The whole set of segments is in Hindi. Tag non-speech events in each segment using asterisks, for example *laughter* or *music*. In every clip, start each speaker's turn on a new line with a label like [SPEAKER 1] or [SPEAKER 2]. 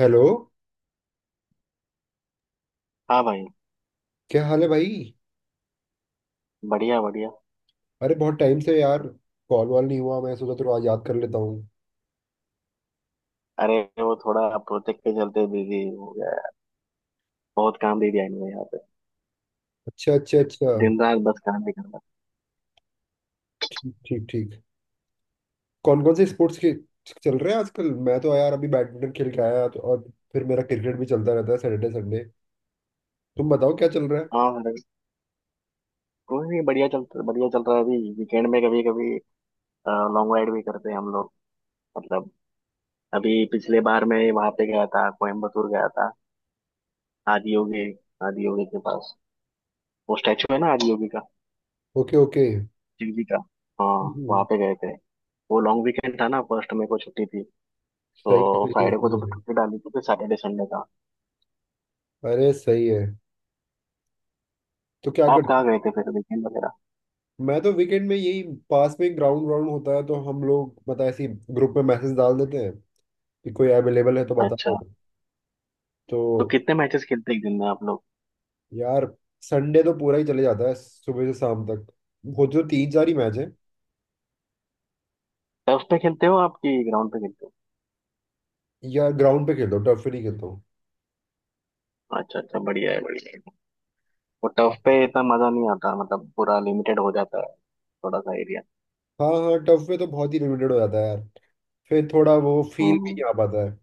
[SPEAKER 1] हेलो।
[SPEAKER 2] हाँ भाई।
[SPEAKER 1] क्या हाल है भाई?
[SPEAKER 2] बढ़िया बढ़िया।
[SPEAKER 1] अरे बहुत टाइम से यार, कॉल वॉल नहीं हुआ। मैं सोचा थोड़ा याद कर लेता हूँ।
[SPEAKER 2] अरे वो थोड़ा प्रोजेक्ट के चलते बिजी हो गया है। बहुत काम दे दिया इन्होंने यहाँ पे।
[SPEAKER 1] अच्छा अच्छा अच्छा।
[SPEAKER 2] दिन रात बस काम ही करना।
[SPEAKER 1] ठीक ठीक ठीक। कौन कौन से स्पोर्ट्स के चल रहे हैं आजकल? मैं तो यार अभी बैडमिंटन खेल के आया, तो। और फिर मेरा क्रिकेट भी चलता रहता है, सैटरडे संडे। तुम बताओ क्या चल रहा है।
[SPEAKER 2] हाँ अरे कोई नहीं, बढ़िया चल रहा है। अभी वीकेंड में कभी कभी लॉन्ग राइड भी करते हैं हम लोग। मतलब अभी पिछले बार मैं वहां पे गया था, कोयम्बतूर गया था। आदियोगी आदियोगी के पास, वो स्टैचू है ना आदियोगी का,
[SPEAKER 1] ओके ओके।
[SPEAKER 2] शिव जी का। हाँ वहाँ
[SPEAKER 1] हम्म,
[SPEAKER 2] पे गए थे। वो लॉन्ग वीकेंड था ना, फर्स्ट मेरे को छुट्टी थी।
[SPEAKER 1] सही है
[SPEAKER 2] तो
[SPEAKER 1] सही है
[SPEAKER 2] फ्राइडे को
[SPEAKER 1] सही
[SPEAKER 2] तो
[SPEAKER 1] है।
[SPEAKER 2] छुट्टी डाली थी, फिर सैटरडे संडे था।
[SPEAKER 1] अरे सही है। तो क्या
[SPEAKER 2] आप
[SPEAKER 1] कर,
[SPEAKER 2] कहाँ गए थे फिर वीकेंड वगैरह?
[SPEAKER 1] मैं तो वीकेंड में यही, पास में ग्राउंड ग्राउंड होता है, तो हम लोग, पता है, ऐसी ग्रुप में मैसेज डाल देते हैं कि कोई अवेलेबल है तो बताओ।
[SPEAKER 2] अच्छा।
[SPEAKER 1] तो
[SPEAKER 2] तो कितने मैचेस खेलते हैं एक दिन में आप लोग?
[SPEAKER 1] यार, संडे तो पूरा ही चले जाता है, सुबह से शाम तक। वो जो तीन चार ही मैच है।
[SPEAKER 2] टर्फ पे खेलते हो आपकी ग्राउंड पे खेलते हो?
[SPEAKER 1] यार, ग्राउंड पे खेलता हूँ, टर्फ पे नहीं खेलता हूँ।
[SPEAKER 2] अच्छा अच्छा, बढ़िया है बढ़िया है। वो टर्फ पे इतना मजा नहीं आता, मतलब पूरा लिमिटेड हो जाता है थोड़ा सा एरिया।
[SPEAKER 1] हाँ हाँ, टर्फ पे तो बहुत ही लिमिटेड हो जाता है यार। फिर थोड़ा वो फील भी
[SPEAKER 2] हम्म।
[SPEAKER 1] नहीं आ पाता है।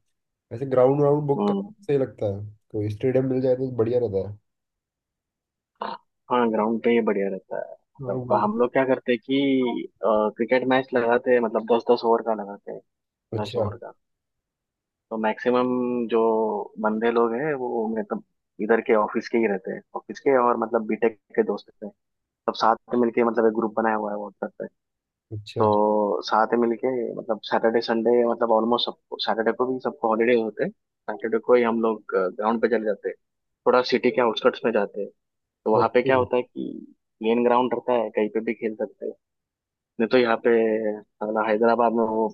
[SPEAKER 1] ऐसे ग्राउंड वाउंड बुक कर
[SPEAKER 2] हम्म।
[SPEAKER 1] सही लगता है। कोई स्टेडियम मिल जाए तो बढ़िया रहता है।
[SPEAKER 2] हाँ ग्राउंड पे ये बढ़िया रहता है।
[SPEAKER 1] हाँ
[SPEAKER 2] मतलब
[SPEAKER 1] वही।
[SPEAKER 2] हम लोग क्या करते हैं कि क्रिकेट मैच लगाते हैं, मतलब दस दस ओवर का लगाते हैं। दस
[SPEAKER 1] अच्छा
[SPEAKER 2] ओवर का तो मैक्सिमम जो बंदे लोग हैं वो, मतलब इधर के ऑफिस के ही रहते हैं, ऑफिस के और मतलब बीटेक के दोस्त हैं। सब साथ में मिलके मतलब एक ग्रुप बनाया हुआ है व्हाट्सएप।
[SPEAKER 1] अच्छा।
[SPEAKER 2] तो साथ में मिलके, मतलब सैटरडे संडे मतलब ऑलमोस्ट सबको, सैटरडे को भी सबको हॉलीडे होते हैं, सैटरडे को ही हम लोग ग्राउंड पे चले जाते हैं। थोड़ा सिटी के आउटस्कर्ट्स में जाते हैं। तो वहाँ पे
[SPEAKER 1] ओके।
[SPEAKER 2] क्या होता है कि मेन ग्राउंड रहता है, कहीं पे भी खेल सकते हैं। नहीं तो यहाँ पे, साला, हैदराबाद में वो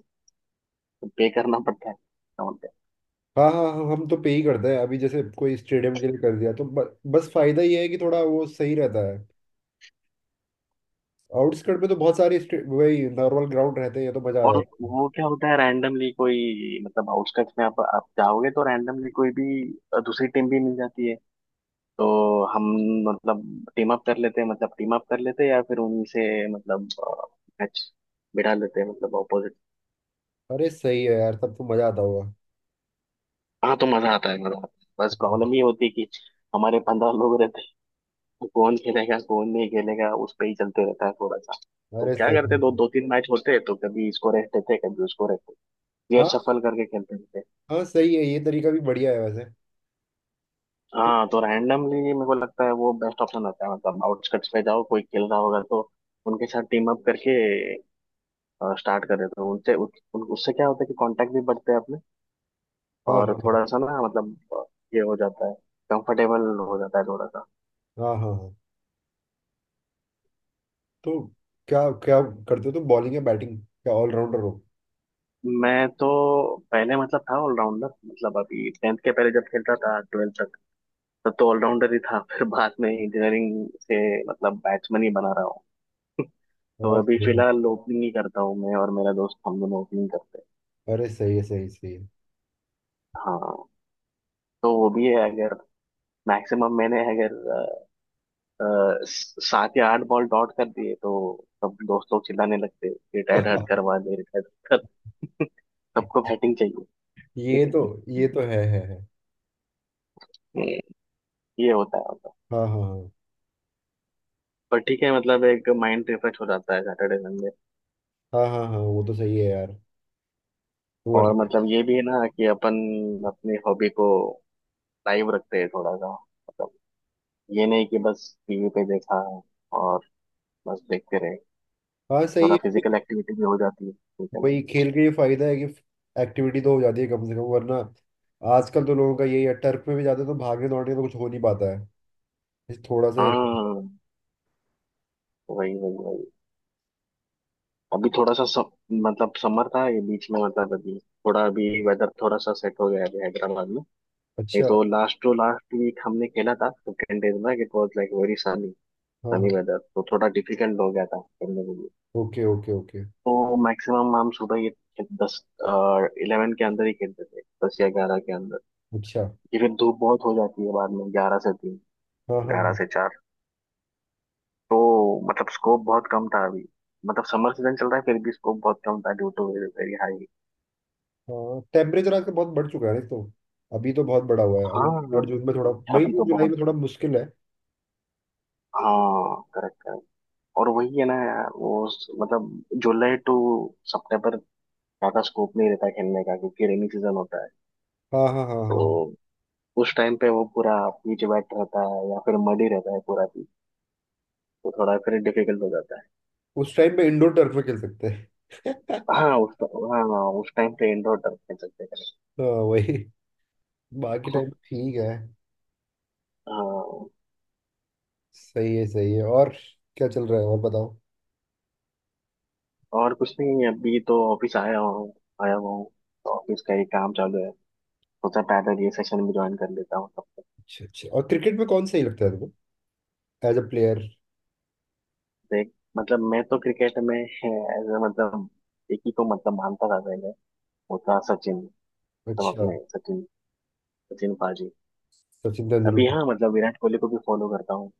[SPEAKER 2] पे करना पड़ता है ग्राउंड पे।
[SPEAKER 1] हाँ हाँ हाँ, हम तो पे ही करते हैं। अभी जैसे कोई स्टेडियम के लिए कर दिया, तो बस फायदा ये है कि थोड़ा वो सही रहता है। आउटस्कर्ट में तो बहुत सारे वही नॉर्मल ग्राउंड रहते हैं, ये तो मजा आ
[SPEAKER 2] और
[SPEAKER 1] जाता है।
[SPEAKER 2] वो क्या होता है, रैंडमली कोई, मतलब आउटस्कर्ट्स में आप जाओगे तो रैंडमली कोई भी दूसरी टीम भी मिल जाती है। तो हम, मतलब टीम अप कर लेते हैं मतलब टीम अप कर लेते हैं, या फिर उन्हीं से मतलब मैच बिठा लेते हैं, मतलब ऑपोजिट।
[SPEAKER 1] अरे सही है यार, तब तो मजा आता होगा।
[SPEAKER 2] हाँ तो मजा आता है, मजा आता है। बस प्रॉब्लम ये होती है कि हमारे 15 लोग रहते हैं। तो कौन खेलेगा कौन नहीं खेलेगा उस पे ही चलते रहता है थोड़ा सा। तो
[SPEAKER 1] अरे
[SPEAKER 2] क्या
[SPEAKER 1] सही
[SPEAKER 2] करते हैं, दो
[SPEAKER 1] है।
[SPEAKER 2] दो तीन मैच होते हैं तो कभी इसको रेस्ट देते हैं कभी उसको रेस्ट देते हैं, ये
[SPEAKER 1] हाँ
[SPEAKER 2] सफल करके खेलते रहते हैं।
[SPEAKER 1] हाँ, सही है, ये तरीका भी बढ़िया है वैसे तो।
[SPEAKER 2] हाँ तो रैंडमली मेरे को लगता है वो बेस्ट ऑप्शन होता है। मतलब आउटस्कट्स पे जाओ, कोई खेल रहा होगा तो उनके साथ टीम अप करके स्टार्ट करें, तो उससे क्या होता है कि कांटेक्ट भी बढ़ते हैं अपने।
[SPEAKER 1] हाँ
[SPEAKER 2] और
[SPEAKER 1] हाँ
[SPEAKER 2] थोड़ा सा ना, मतलब ये हो जाता है, कंफर्टेबल हो जाता है थोड़ा सा।
[SPEAKER 1] हाँ हाँ हाँ। तो क्या क्या करते हो तुम, बॉलिंग या बैटिंग, क्या ऑलराउंडर हो?
[SPEAKER 2] मैं तो पहले मतलब था ऑलराउंडर, मतलब अभी टेंथ के पहले जब खेलता था, ट्वेल्थ तक तब तो ऑलराउंडर ही था। फिर बाद में इंजीनियरिंग से मतलब बैट्समैन ही बना रहा हूँ। तो
[SPEAKER 1] और
[SPEAKER 2] अभी
[SPEAKER 1] सही है।
[SPEAKER 2] फिलहाल ओपनिंग ही करता हूँ मैं और मेरा दोस्त, हम दोनों ओपनिंग करते हैं।
[SPEAKER 1] अरे सही है, सही सही है।
[SPEAKER 2] हाँ तो वो भी है, अगर मैक्सिमम मैंने अगर अ, सात या आठ बॉल डॉट कर दिए तो सब दोस्त लोग चिल्लाने लगते, रिटायर्ड हट करवा
[SPEAKER 1] *laughs*
[SPEAKER 2] दे, रिटायर्ड हट कर। *laughs* सबको बैटिंग चाहिए।
[SPEAKER 1] ये तो,
[SPEAKER 2] *laughs*
[SPEAKER 1] ये तो है है।
[SPEAKER 2] हम्म, ये होता है मतलब।
[SPEAKER 1] हाँ हाँ
[SPEAKER 2] पर ठीक है, मतलब एक माइंड रिफ्रेश हो जाता है सैटरडे संडे।
[SPEAKER 1] हाँ हाँ हाँ हाँ, वो तो सही है यार।
[SPEAKER 2] और
[SPEAKER 1] वरना,
[SPEAKER 2] मतलब ये भी है ना कि अपन अपनी हॉबी को लाइव रखते हैं थोड़ा सा, मतलब ये नहीं कि बस टीवी पे देखा और बस देखते रहे।
[SPEAKER 1] हाँ सही
[SPEAKER 2] थोड़ा
[SPEAKER 1] है। अरे,
[SPEAKER 2] फिजिकल एक्टिविटी भी हो जाती है, ठीक है।
[SPEAKER 1] वही खेल के ये फायदा है कि एक्टिविटी तो हो जाती है कम से कम। वरना आजकल तो लोगों का यही है, टर्फ पे भी जाते हैं तो भागने दौड़ने का तो कुछ हो नहीं पाता है, बस थोड़ा सा ही।
[SPEAKER 2] हाँ वही वही वही। अभी थोड़ा सा मतलब समर था ये बीच में, मतलब अभी थोड़ा, अभी वेदर थोड़ा सा सेट हो गया है अभी हैदराबाद में। नहीं
[SPEAKER 1] अच्छा।
[SPEAKER 2] तो लास्ट टू लास्ट वीक हमने खेला था, फिफ्टीन डेज में it was like very sunny.
[SPEAKER 1] हाँ
[SPEAKER 2] सनी
[SPEAKER 1] हाँ।
[SPEAKER 2] वेदर तो थोड़ा डिफिकल्ट हो गया था खेलने के लिए।
[SPEAKER 1] Okay okay okay.
[SPEAKER 2] तो मैक्सिमम हम सुबह ये दस इलेवन के अंदर ही खेलते थे, दस या ग्यारह के अंदर।
[SPEAKER 1] अच्छा।
[SPEAKER 2] ये फिर धूप बहुत हो जाती है बाद में, ग्यारह से तीन,
[SPEAKER 1] हाँ
[SPEAKER 2] ग्यारह
[SPEAKER 1] हाँ
[SPEAKER 2] से चार। तो मतलब स्कोप बहुत कम था अभी, मतलब समर सीजन चल रहा है फिर भी स्कोप बहुत कम था ड्यू टू वेरी हाई।
[SPEAKER 1] हाँ, टेम्परेचर आजकल बहुत बढ़ चुका है ना तो। अभी तो बहुत बड़ा हुआ है अभी।
[SPEAKER 2] हाँ
[SPEAKER 1] और जून में थोड़ा, मई
[SPEAKER 2] अभी तो
[SPEAKER 1] जून जुलाई
[SPEAKER 2] बहुत।
[SPEAKER 1] में थोड़ा मुश्किल है।
[SPEAKER 2] हाँ करेक्ट करेक्ट। और वही है ना यार वो मतलब जुलाई टू सितंबर ज्यादा स्कोप नहीं रहता खेलने का, क्योंकि रेनी सीजन होता है।
[SPEAKER 1] हाँ हाँ हाँ
[SPEAKER 2] तो
[SPEAKER 1] हाँ।
[SPEAKER 2] उस टाइम पे वो पूरा पीच वेट रहता है या फिर मडी रहता है पूरा पीच, तो थोड़ा फिर डिफिकल्ट हो जाता है।
[SPEAKER 1] उस टाइम पे इंडोर टर्फ में खेल सकते हैं। *laughs*
[SPEAKER 2] उस टाइम पे इंडोर टर्फ खेल सकते हैं। *laughs*
[SPEAKER 1] हाँ वही, बाकी टाइम
[SPEAKER 2] correct।
[SPEAKER 1] ठीक है।
[SPEAKER 2] हाँ
[SPEAKER 1] सही है सही है। और क्या चल रहा है, और बताओ?
[SPEAKER 2] और कुछ नहीं, अभी तो ऑफिस आया हूँ आया हुआ हूँ, तो ऑफिस का ही काम चालू है। सोचा पैदल ये सेशन भी ज्वाइन कर लेता हूँ।
[SPEAKER 1] अच्छा अच्छा। और क्रिकेट में कौन सही लगता है तुम्हें, एज अ प्लेयर?
[SPEAKER 2] देख, मतलब मैं तो क्रिकेट में एज, मतलब एक ही को मतलब मानता था पहले। वो था सचिन, सब
[SPEAKER 1] अच्छा।
[SPEAKER 2] अपने सचिन, सचिन पाजी।
[SPEAKER 1] सचिन
[SPEAKER 2] अभी
[SPEAKER 1] तेंदुलकर।
[SPEAKER 2] हाँ, मतलब विराट कोहली को भी फॉलो करता हूँ।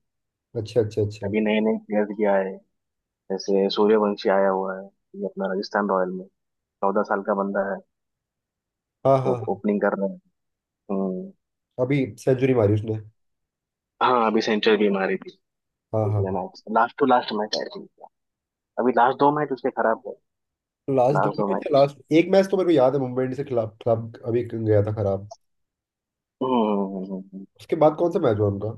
[SPEAKER 1] अच्छा अच्छा अच्छा।
[SPEAKER 2] अभी नए नए प्लेयर्स भी आए हैं। जैसे सूर्यवंशी आया हुआ है, ये अपना राजस्थान रॉयल में। 14 साल का बंदा है,
[SPEAKER 1] हाँ
[SPEAKER 2] वो
[SPEAKER 1] हाँ,
[SPEAKER 2] ओपनिंग कर रहा है। हम्म।
[SPEAKER 1] अभी सेंचुरी मारी उसने।
[SPEAKER 2] हाँ अभी सेंचुरी भी मारी थी,
[SPEAKER 1] हाँ
[SPEAKER 2] पिछले
[SPEAKER 1] हाँ।
[SPEAKER 2] Match, last to last match आई थी। अभी लास्ट दो मैच उसके खराब गए,
[SPEAKER 1] लास्ट दो
[SPEAKER 2] लास्ट दो
[SPEAKER 1] मैच या
[SPEAKER 2] मैच।
[SPEAKER 1] लास्ट एक मैच तो मेरे को याद है, मुंबई इंडियंस के खिलाफ खिलाफ अभी गया था खराब।
[SPEAKER 2] हम्म हम्म, हम्म, हम्म, हम्म।
[SPEAKER 1] उसके बाद कौन सा मैच हुआ उनका?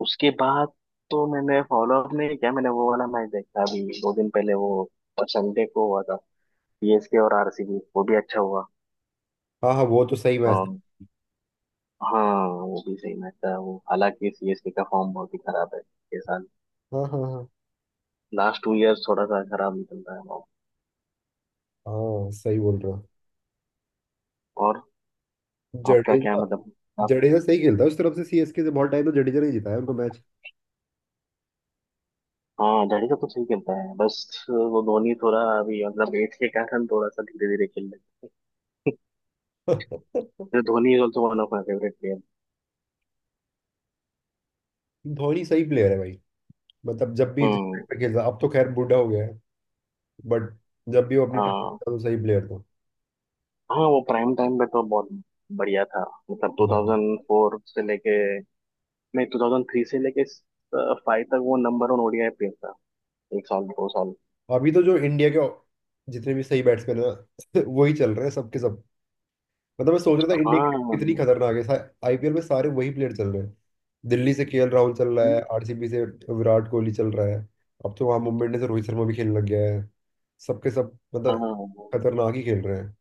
[SPEAKER 2] उसके बाद तो मैंने फॉलो अप नहीं किया। मैंने वो वाला मैच देखा अभी दो दिन पहले, वो संडे को हुआ था, सीएसके और आरसीबी, वो भी अच्छा हुआ।
[SPEAKER 1] हाँ हाँ, वो तो सही मैच था।
[SPEAKER 2] अम, हाँ वो भी सही मैच था वो, हालांकि सीएसके का फॉर्म बहुत ही खराब है ये साल।
[SPEAKER 1] हाँ हाँ हाँ,
[SPEAKER 2] लास्ट टू इयर्स थोड़ा सा खराब निकल रहा है form।
[SPEAKER 1] हाँ सही बोल रहा।
[SPEAKER 2] और आपका क्या
[SPEAKER 1] जडेजा,
[SPEAKER 2] मतलब, आप?
[SPEAKER 1] जडेजा सही खेलता है उस तरफ से। सीएसके से बहुत टाइम तो जडेजा नहीं जीता है उनको मैच।
[SPEAKER 2] हाँ जडेजा तो सही खेलता है, बस वो धोनी थोड़ा अभी, मतलब एज के कारण थोड़ा सा धीरे धीरे खेल रहे हैं। *laughs* तो
[SPEAKER 1] *laughs*
[SPEAKER 2] Dhoni is also one of my favourite player.
[SPEAKER 1] Dhoni सही प्लेयर है भाई। मतलब जब भी जिस टाइम
[SPEAKER 2] हम्म।
[SPEAKER 1] पे खेलता, अब तो खैर बूढ़ा हो गया है। बट जब भी वो अपने टाइम पे
[SPEAKER 2] हाँ
[SPEAKER 1] था तो सही प्लेयर था।
[SPEAKER 2] हाँ, वो प्राइम टाइम पे तो बहुत बढ़िया था। मतलब
[SPEAKER 1] हाँ।
[SPEAKER 2] 2004 से लेके, नहीं 2003 से लेके फाइव तक वो नंबर वन ओडीआई प्लेयर था, एक साल दो साल।
[SPEAKER 1] अभी तो जो इंडिया के जितने भी सही बैट्समैन है *laughs* वही चल रहे हैं सबके सब। मतलब मैं सोच रहा था इंडिया की टीम कितनी
[SPEAKER 2] हाँ।
[SPEAKER 1] खतरनाक है। आईपीएल में सारे वही प्लेयर चल रहे हैं। दिल्ली से केएल राहुल चल रहा है,
[SPEAKER 2] टीम-
[SPEAKER 1] आरसीबी से विराट कोहली चल रहा है, अब तो वहां मुंबई इंडियंस से रोहित शर्मा भी खेलने लग गया है। सबके सब मतलब
[SPEAKER 2] हाँ
[SPEAKER 1] खतरनाक ही खेल रहे हैं।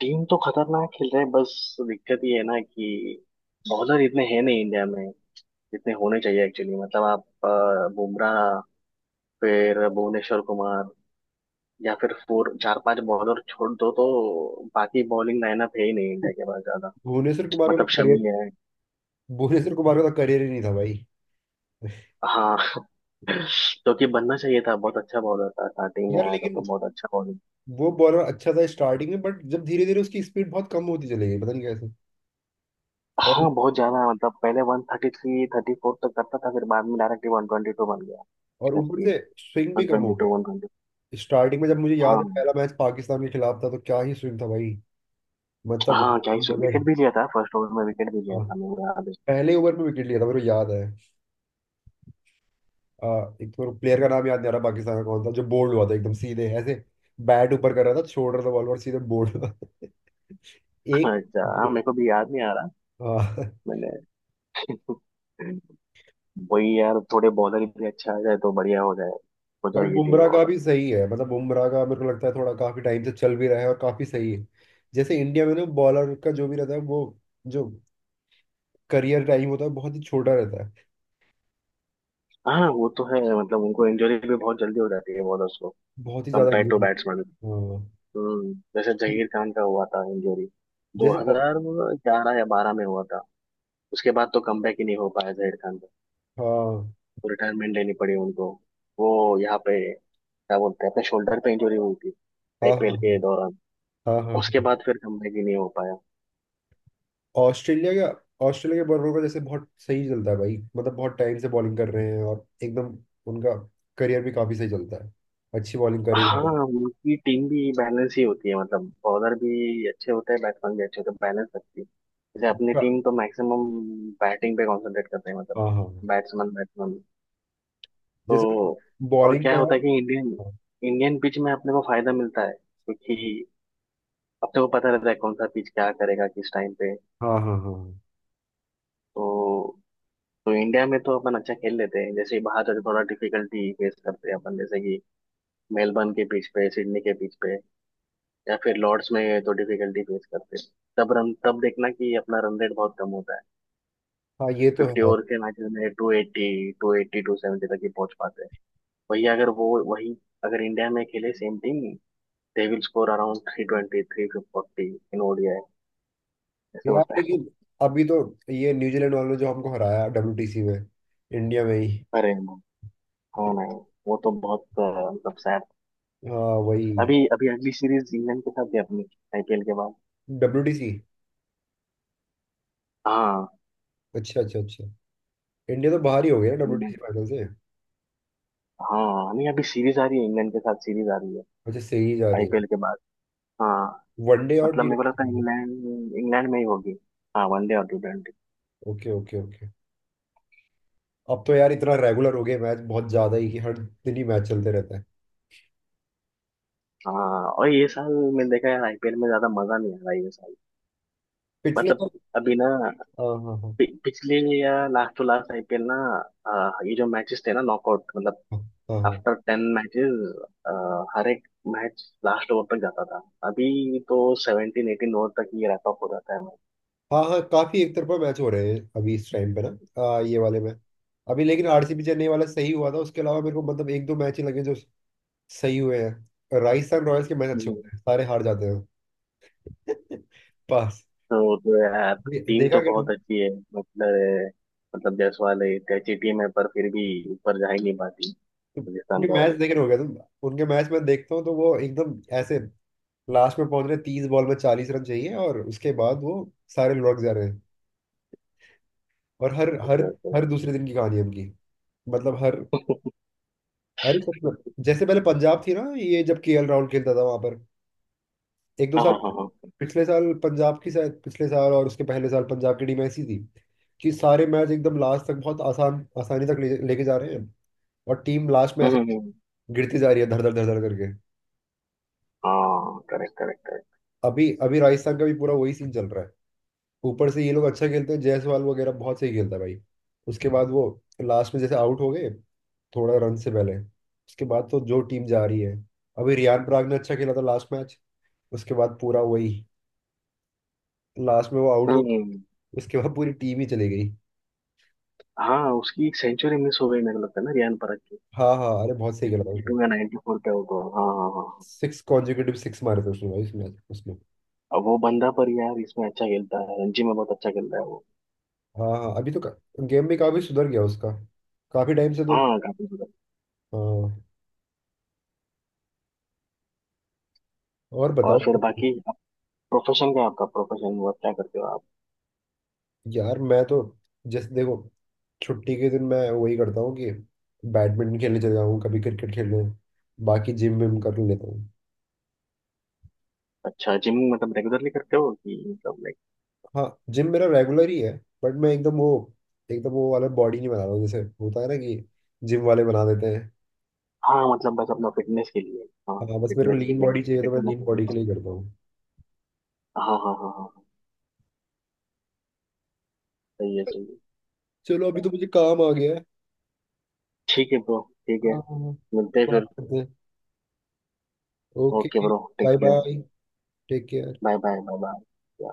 [SPEAKER 2] टीम तो खतरनाक खेल रहे है, बस दिक्कत ये है ना कि बॉलर इतने हैं नहीं इंडिया में जितने होने चाहिए एक्चुअली। मतलब आप बुमराह, फिर भुवनेश्वर कुमार, या फिर फोर चार पांच बॉलर छोड़ दो तो बाकी बॉलिंग लाइनअप है ही नहीं इंडिया के पास ज्यादा।
[SPEAKER 1] भुवनेश्वर कुमार का
[SPEAKER 2] मतलब
[SPEAKER 1] तो करियर
[SPEAKER 2] शमी है।
[SPEAKER 1] भुवनेश्वर कुमार का तो करियर ही नहीं था भाई।
[SPEAKER 2] हाँ जो कि बनना चाहिए था, बहुत अच्छा बॉलर था, स्टार्टिंग में
[SPEAKER 1] यार
[SPEAKER 2] आया था तो
[SPEAKER 1] लेकिन
[SPEAKER 2] बहुत अच्छा बॉलिंग।
[SPEAKER 1] वो बॉलर अच्छा था स्टार्टिंग में, बट जब धीरे धीरे उसकी स्पीड बहुत कम होती चली गई, पता नहीं कैसे। और
[SPEAKER 2] हाँ बहुत ज्यादा, मतलब पहले one thirty three thirty four तक करता था, फिर बाद में डायरेक्टली वन ट्वेंटी टू बन गया
[SPEAKER 1] और
[SPEAKER 2] उसका
[SPEAKER 1] ऊपर
[SPEAKER 2] स्पीड,
[SPEAKER 1] से स्विंग भी
[SPEAKER 2] वन
[SPEAKER 1] कम
[SPEAKER 2] ट्वेंटी
[SPEAKER 1] हो
[SPEAKER 2] टू वन
[SPEAKER 1] गया।
[SPEAKER 2] ट्वेंटी।
[SPEAKER 1] स्टार्टिंग में जब मुझे याद है,
[SPEAKER 2] हाँ
[SPEAKER 1] पहला मैच पाकिस्तान के खिलाफ था तो क्या ही स्विंग था भाई। मतलब
[SPEAKER 2] हाँ क्या,
[SPEAKER 1] मजा ही,
[SPEAKER 2] विकेट भी लिया था फर्स्ट ओवर में, विकेट भी लिया
[SPEAKER 1] हाँ
[SPEAKER 2] था मेरे याद है।
[SPEAKER 1] पहले ओवर में विकेट लिया था मेरे को याद है। आ, एक तो प्लेयर का नाम याद नहीं आ रहा पाकिस्तान का, कौन था जो बोल्ड हुआ था एकदम सीधे ऐसे। बैट ऊपर कर रहा था, छोड़ रहा था बॉल, और सीधे बोल्ड हुआ था। *laughs* एक
[SPEAKER 2] अच्छा हाँ,
[SPEAKER 1] दो-
[SPEAKER 2] मेरे को भी याद नहीं आ रहा।
[SPEAKER 1] हाँ,
[SPEAKER 2] मैंने *laughs* वही यार, थोड़े बॉलर भी अच्छे आ जाए तो बढ़िया हो जाए, हो
[SPEAKER 1] बट
[SPEAKER 2] जाए ये टीम
[SPEAKER 1] बुमराह का
[SPEAKER 2] और।
[SPEAKER 1] भी सही है, मतलब बुमराह का मेरे को लगता है थोड़ा काफी टाइम से चल भी रहा है और काफी सही है। जैसे इंडिया में ना बॉलर का जो भी रहता है वो जो करियर टाइम होता है बहुत ही छोटा रहता है,
[SPEAKER 2] हाँ वो तो है, मतलब उनको इंजरी भी बहुत जल्दी हो जाती है बॉलर्स को,
[SPEAKER 1] बहुत ही ज्यादा।
[SPEAKER 2] Compare to batsman.
[SPEAKER 1] हाँ।
[SPEAKER 2] जैसे जहीर खान का हुआ था इंजरी,
[SPEAKER 1] जैसे,
[SPEAKER 2] 2011 या 12 में हुआ था। उसके बाद तो कमबैक ही नहीं हो पाया जहीर खान का,
[SPEAKER 1] हाँ
[SPEAKER 2] तो रिटायरमेंट लेनी पड़ी उनको। वो यहाँ पे क्या बोलते हैं, अपने शोल्डर पे इंजरी हुई थी
[SPEAKER 1] हाँ हाँ
[SPEAKER 2] आईपीएल के
[SPEAKER 1] हाँ
[SPEAKER 2] दौरान,
[SPEAKER 1] हाँ हाँ हाँ
[SPEAKER 2] उसके
[SPEAKER 1] हाँ।
[SPEAKER 2] बाद फिर कमबैक ही नहीं हो पाया।
[SPEAKER 1] ऑस्ट्रेलिया का, ऑस्ट्रेलिया के बॉलरों का जैसे बहुत सही चलता है भाई। मतलब बहुत टाइम से बॉलिंग कर रहे हैं और एकदम, उनका करियर भी काफी सही चलता है, अच्छी बॉलिंग करी
[SPEAKER 2] हाँ
[SPEAKER 1] जाते
[SPEAKER 2] उनकी टीम भी बैलेंस ही होती है, मतलब बॉलर भी अच्छे होते हैं, बैट्समैन भी अच्छे होते हैं, बैलेंस रखती है। जैसे अपनी
[SPEAKER 1] हैं।
[SPEAKER 2] टीम तो मैक्सिमम बैटिंग पे कॉन्सेंट्रेट करते हैं, मतलब
[SPEAKER 1] हाँ हाँ हाँ।
[SPEAKER 2] Batsman batsman.
[SPEAKER 1] जैसे
[SPEAKER 2] तो और
[SPEAKER 1] बॉलिंग का
[SPEAKER 2] क्या
[SPEAKER 1] है।
[SPEAKER 2] होता है
[SPEAKER 1] हाँ
[SPEAKER 2] कि इंडियन इंडियन पिच में अपने को फायदा मिलता है, क्योंकि अपने को पता रहता है कौन सा पिच क्या करेगा किस टाइम पे।
[SPEAKER 1] हाँ हाँ हाँ
[SPEAKER 2] तो तो इंडिया में तो अपन अच्छा खेल लेते हैं, जैसे बाहर जाते थोड़ा डिफिकल्टी फेस करते हैं अपन, जैसे कि मेलबर्न के पिच पे, सिडनी के पिच पे, या फिर लॉर्ड्स में तो डिफिकल्टी फेस करते हैं। तब रन, तब देखना कि अपना रन रेट बहुत कम होता है।
[SPEAKER 1] हाँ, ये तो
[SPEAKER 2] फिफ्टी
[SPEAKER 1] है।
[SPEAKER 2] ओवर के मैचेस में टू एट्टी टू सेवेंटी तक ही पहुंच पाते हैं। वही अगर इंडिया में खेले same team, they will score around 320 340 in ODI, ऐसे
[SPEAKER 1] यार
[SPEAKER 2] होता है।
[SPEAKER 1] लेकिन अभी तो ये न्यूजीलैंड वालों ने जो हमको हराया डब्ल्यूटीसी में, इंडिया में ही।
[SPEAKER 2] अरे no, हाँ नहीं, वो तो बहुत मतलब sad।
[SPEAKER 1] हाँ वही।
[SPEAKER 2] अभी अभी अगली सीरीज इंग्लैंड के साथ है अपनी, आईपीएल के बाद।
[SPEAKER 1] डब्ल्यूटीसी।
[SPEAKER 2] हाँ।
[SPEAKER 1] अच्छा अच्छा अच्छा। इंडिया तो बाहर ही हो गया
[SPEAKER 2] हम्म,
[SPEAKER 1] डब्ल्यूटीसी फाइनल से।
[SPEAKER 2] हाँ नहीं अभी सीरीज आ रही है, इंग्लैंड के साथ सीरीज आ रही है
[SPEAKER 1] अच्छा, सही जा रही है।
[SPEAKER 2] आईपीएल के बाद। हाँ
[SPEAKER 1] वनडे और
[SPEAKER 2] मतलब
[SPEAKER 1] टी
[SPEAKER 2] मेरे को लगता है
[SPEAKER 1] ट्वेंटी।
[SPEAKER 2] इंग्लैंड इंग्लैंड में ही होगी। हाँ वनडे और T twenty.
[SPEAKER 1] Okay okay okay. अब तो यार इतना रेगुलर हो गया मैच, बहुत ज्यादा ही, कि हर दिन ही मैच चलते रहते हैं।
[SPEAKER 2] हाँ और ये साल मैंने देखा है आईपीएल में ज्यादा मजा नहीं आ रहा है ये साल।
[SPEAKER 1] पिछले
[SPEAKER 2] मतलब
[SPEAKER 1] तो,
[SPEAKER 2] अभी ना
[SPEAKER 1] हाँ हाँ हाँ
[SPEAKER 2] पिछले या लास्ट टू लास्ट आईपीएल ना, ये जो मैचेस थे ना नॉकआउट, मतलब
[SPEAKER 1] हाँ हाँ हाँ
[SPEAKER 2] आफ्टर टेन मैचेस हर एक मैच लास्ट ओवर तक जाता था। अभी तो सेवनटीन एटीन ओवर तक ये रैप अप हो जाता है मैच।
[SPEAKER 1] हाँ हाँ, काफी एक तरफा मैच हो रहे हैं अभी इस टाइम पे ना, ये वाले में। अभी लेकिन आरसीबी चेन्नई वाला सही हुआ था, उसके अलावा मेरे को मतलब एक दो मैच ही लगे जो सही हुए हैं। राजस्थान रॉयल्स के मैच अच्छे
[SPEAKER 2] हम्म।
[SPEAKER 1] होते हैं, सारे हार जाते हैं। *laughs* पास,
[SPEAKER 2] तो यार
[SPEAKER 1] ये
[SPEAKER 2] टीम
[SPEAKER 1] देखा
[SPEAKER 2] तो
[SPEAKER 1] क्या
[SPEAKER 2] बहुत
[SPEAKER 1] तुम?
[SPEAKER 2] अच्छी है, मतलब जायसवाल है, एक अच्छी टीम है पर फिर भी ऊपर जा ही नहीं पाती,
[SPEAKER 1] तुम-
[SPEAKER 2] राजस्थान
[SPEAKER 1] उनके मैच
[SPEAKER 2] रॉयल।
[SPEAKER 1] देखे हो गया तुम? उनके मैच में देखता हूँ तो वो एकदम ऐसे लास्ट में पहुंच रहे, 30 बॉल में 40 रन चाहिए, और उसके बाद वो सारे लुढ़क जा रहे हैं। और हर हर
[SPEAKER 2] ओके ओके।
[SPEAKER 1] हर दूसरे दिन की कहानी है उनकी, मतलब हर,
[SPEAKER 2] *laughs*
[SPEAKER 1] अरे सच में, जैसे पहले पंजाब थी ना, ये जब केएल राहुल खेलता था वहां पर, एक दो
[SPEAKER 2] हाँ
[SPEAKER 1] साल,
[SPEAKER 2] हाँ हाँ हाँ।
[SPEAKER 1] पिछले साल पंजाब की शायद, पिछले साल और उसके पहले साल पंजाब की टीम ऐसी थी कि सारे मैच एकदम लास्ट तक बहुत आसान आसानी तक लेके जा रहे हैं, और टीम लास्ट में
[SPEAKER 2] हम्म
[SPEAKER 1] ऐसे
[SPEAKER 2] हम्म, हम्म।
[SPEAKER 1] गिरती जा रही है धड़ धड़ धड़ धड़ करके।
[SPEAKER 2] हाँ करेक्ट करेक्ट करेक्ट।
[SPEAKER 1] अभी अभी राजस्थान का भी पूरा वही सीन चल रहा है। ऊपर से ये लोग अच्छा खेलते हैं, जायसवाल वगैरह बहुत सही खेलता है भाई। उसके बाद वो लास्ट में जैसे आउट हो गए थोड़ा रन से पहले, उसके बाद तो जो टीम जा रही है। अभी रियान पराग ने अच्छा खेला था लास्ट मैच, उसके बाद पूरा वही लास्ट में वो आउट
[SPEAKER 2] हम्म
[SPEAKER 1] हो,
[SPEAKER 2] हम्म।
[SPEAKER 1] उसके बाद पूरी टीम ही चली गई।
[SPEAKER 2] हाँ उसकी एक सेंचुरी मिस हो गई मेरे को लगता है ना, रियान परत की,
[SPEAKER 1] हाँ हाँ, अरे बहुत सही खेला था
[SPEAKER 2] 92 या
[SPEAKER 1] उसने।
[SPEAKER 2] 94 पे हो तो, हाँ हाँ हाँ।
[SPEAKER 1] सिक्स कॉन्जिक्यूटिव सिक्स मारे थे उसने भाई इस मैच उसमें।
[SPEAKER 2] अब वो बंदा पर यार इसमें अच्छा खेलता है, रणजी में बहुत अच्छा खेलता है वो।
[SPEAKER 1] हाँ हाँ, अभी तो गेम में काफी सुधर गया उसका, काफी टाइम से तो।
[SPEAKER 2] हाँ काफी ज्यादा।
[SPEAKER 1] हाँ और बताओ।
[SPEAKER 2] और फिर बाकी आप प्रोफेशन क्या है आपका, प्रोफेशन वो क्या करते हो आप?
[SPEAKER 1] यार मैं तो जैसे देखो, छुट्टी के दिन मैं वही करता हूँ कि बैडमिंटन खेलने चले जाऊँ, कभी क्रिकेट खेलने, बाकी जिम विम कर लेता हूँ।
[SPEAKER 2] अच्छा जिम मतलब रेगुलरली करते हो कि मतलब लाइक?
[SPEAKER 1] हाँ, जिम मेरा रेगुलर ही है, बट मैं एकदम वो वाला बॉडी नहीं बना रहा हूँ, जैसे होता है ना कि जिम वाले बना देते हैं।
[SPEAKER 2] हाँ मतलब बस अपना फिटनेस के लिए। हाँ
[SPEAKER 1] हाँ, बस मेरे को
[SPEAKER 2] फिटनेस के
[SPEAKER 1] लीन
[SPEAKER 2] लिए,
[SPEAKER 1] बॉडी चाहिए, तो
[SPEAKER 2] फिट
[SPEAKER 1] मैं
[SPEAKER 2] होना
[SPEAKER 1] लीन
[SPEAKER 2] चाहिए।
[SPEAKER 1] बॉडी के लिए करता हूँ।
[SPEAKER 2] हाँ हाँ हाँ हाँ हाँ, सही है सही है।
[SPEAKER 1] चलो अभी तो मुझे काम आ गया है।
[SPEAKER 2] ठीक है ब्रो, ठीक है।
[SPEAKER 1] हाँ हाँ हाँ,
[SPEAKER 2] मिलते हैं फिर।
[SPEAKER 1] बात करते हैं। Okay.
[SPEAKER 2] Okay bro, take
[SPEAKER 1] bye
[SPEAKER 2] care.
[SPEAKER 1] Bye. Take care.
[SPEAKER 2] Bye bye, bye bye.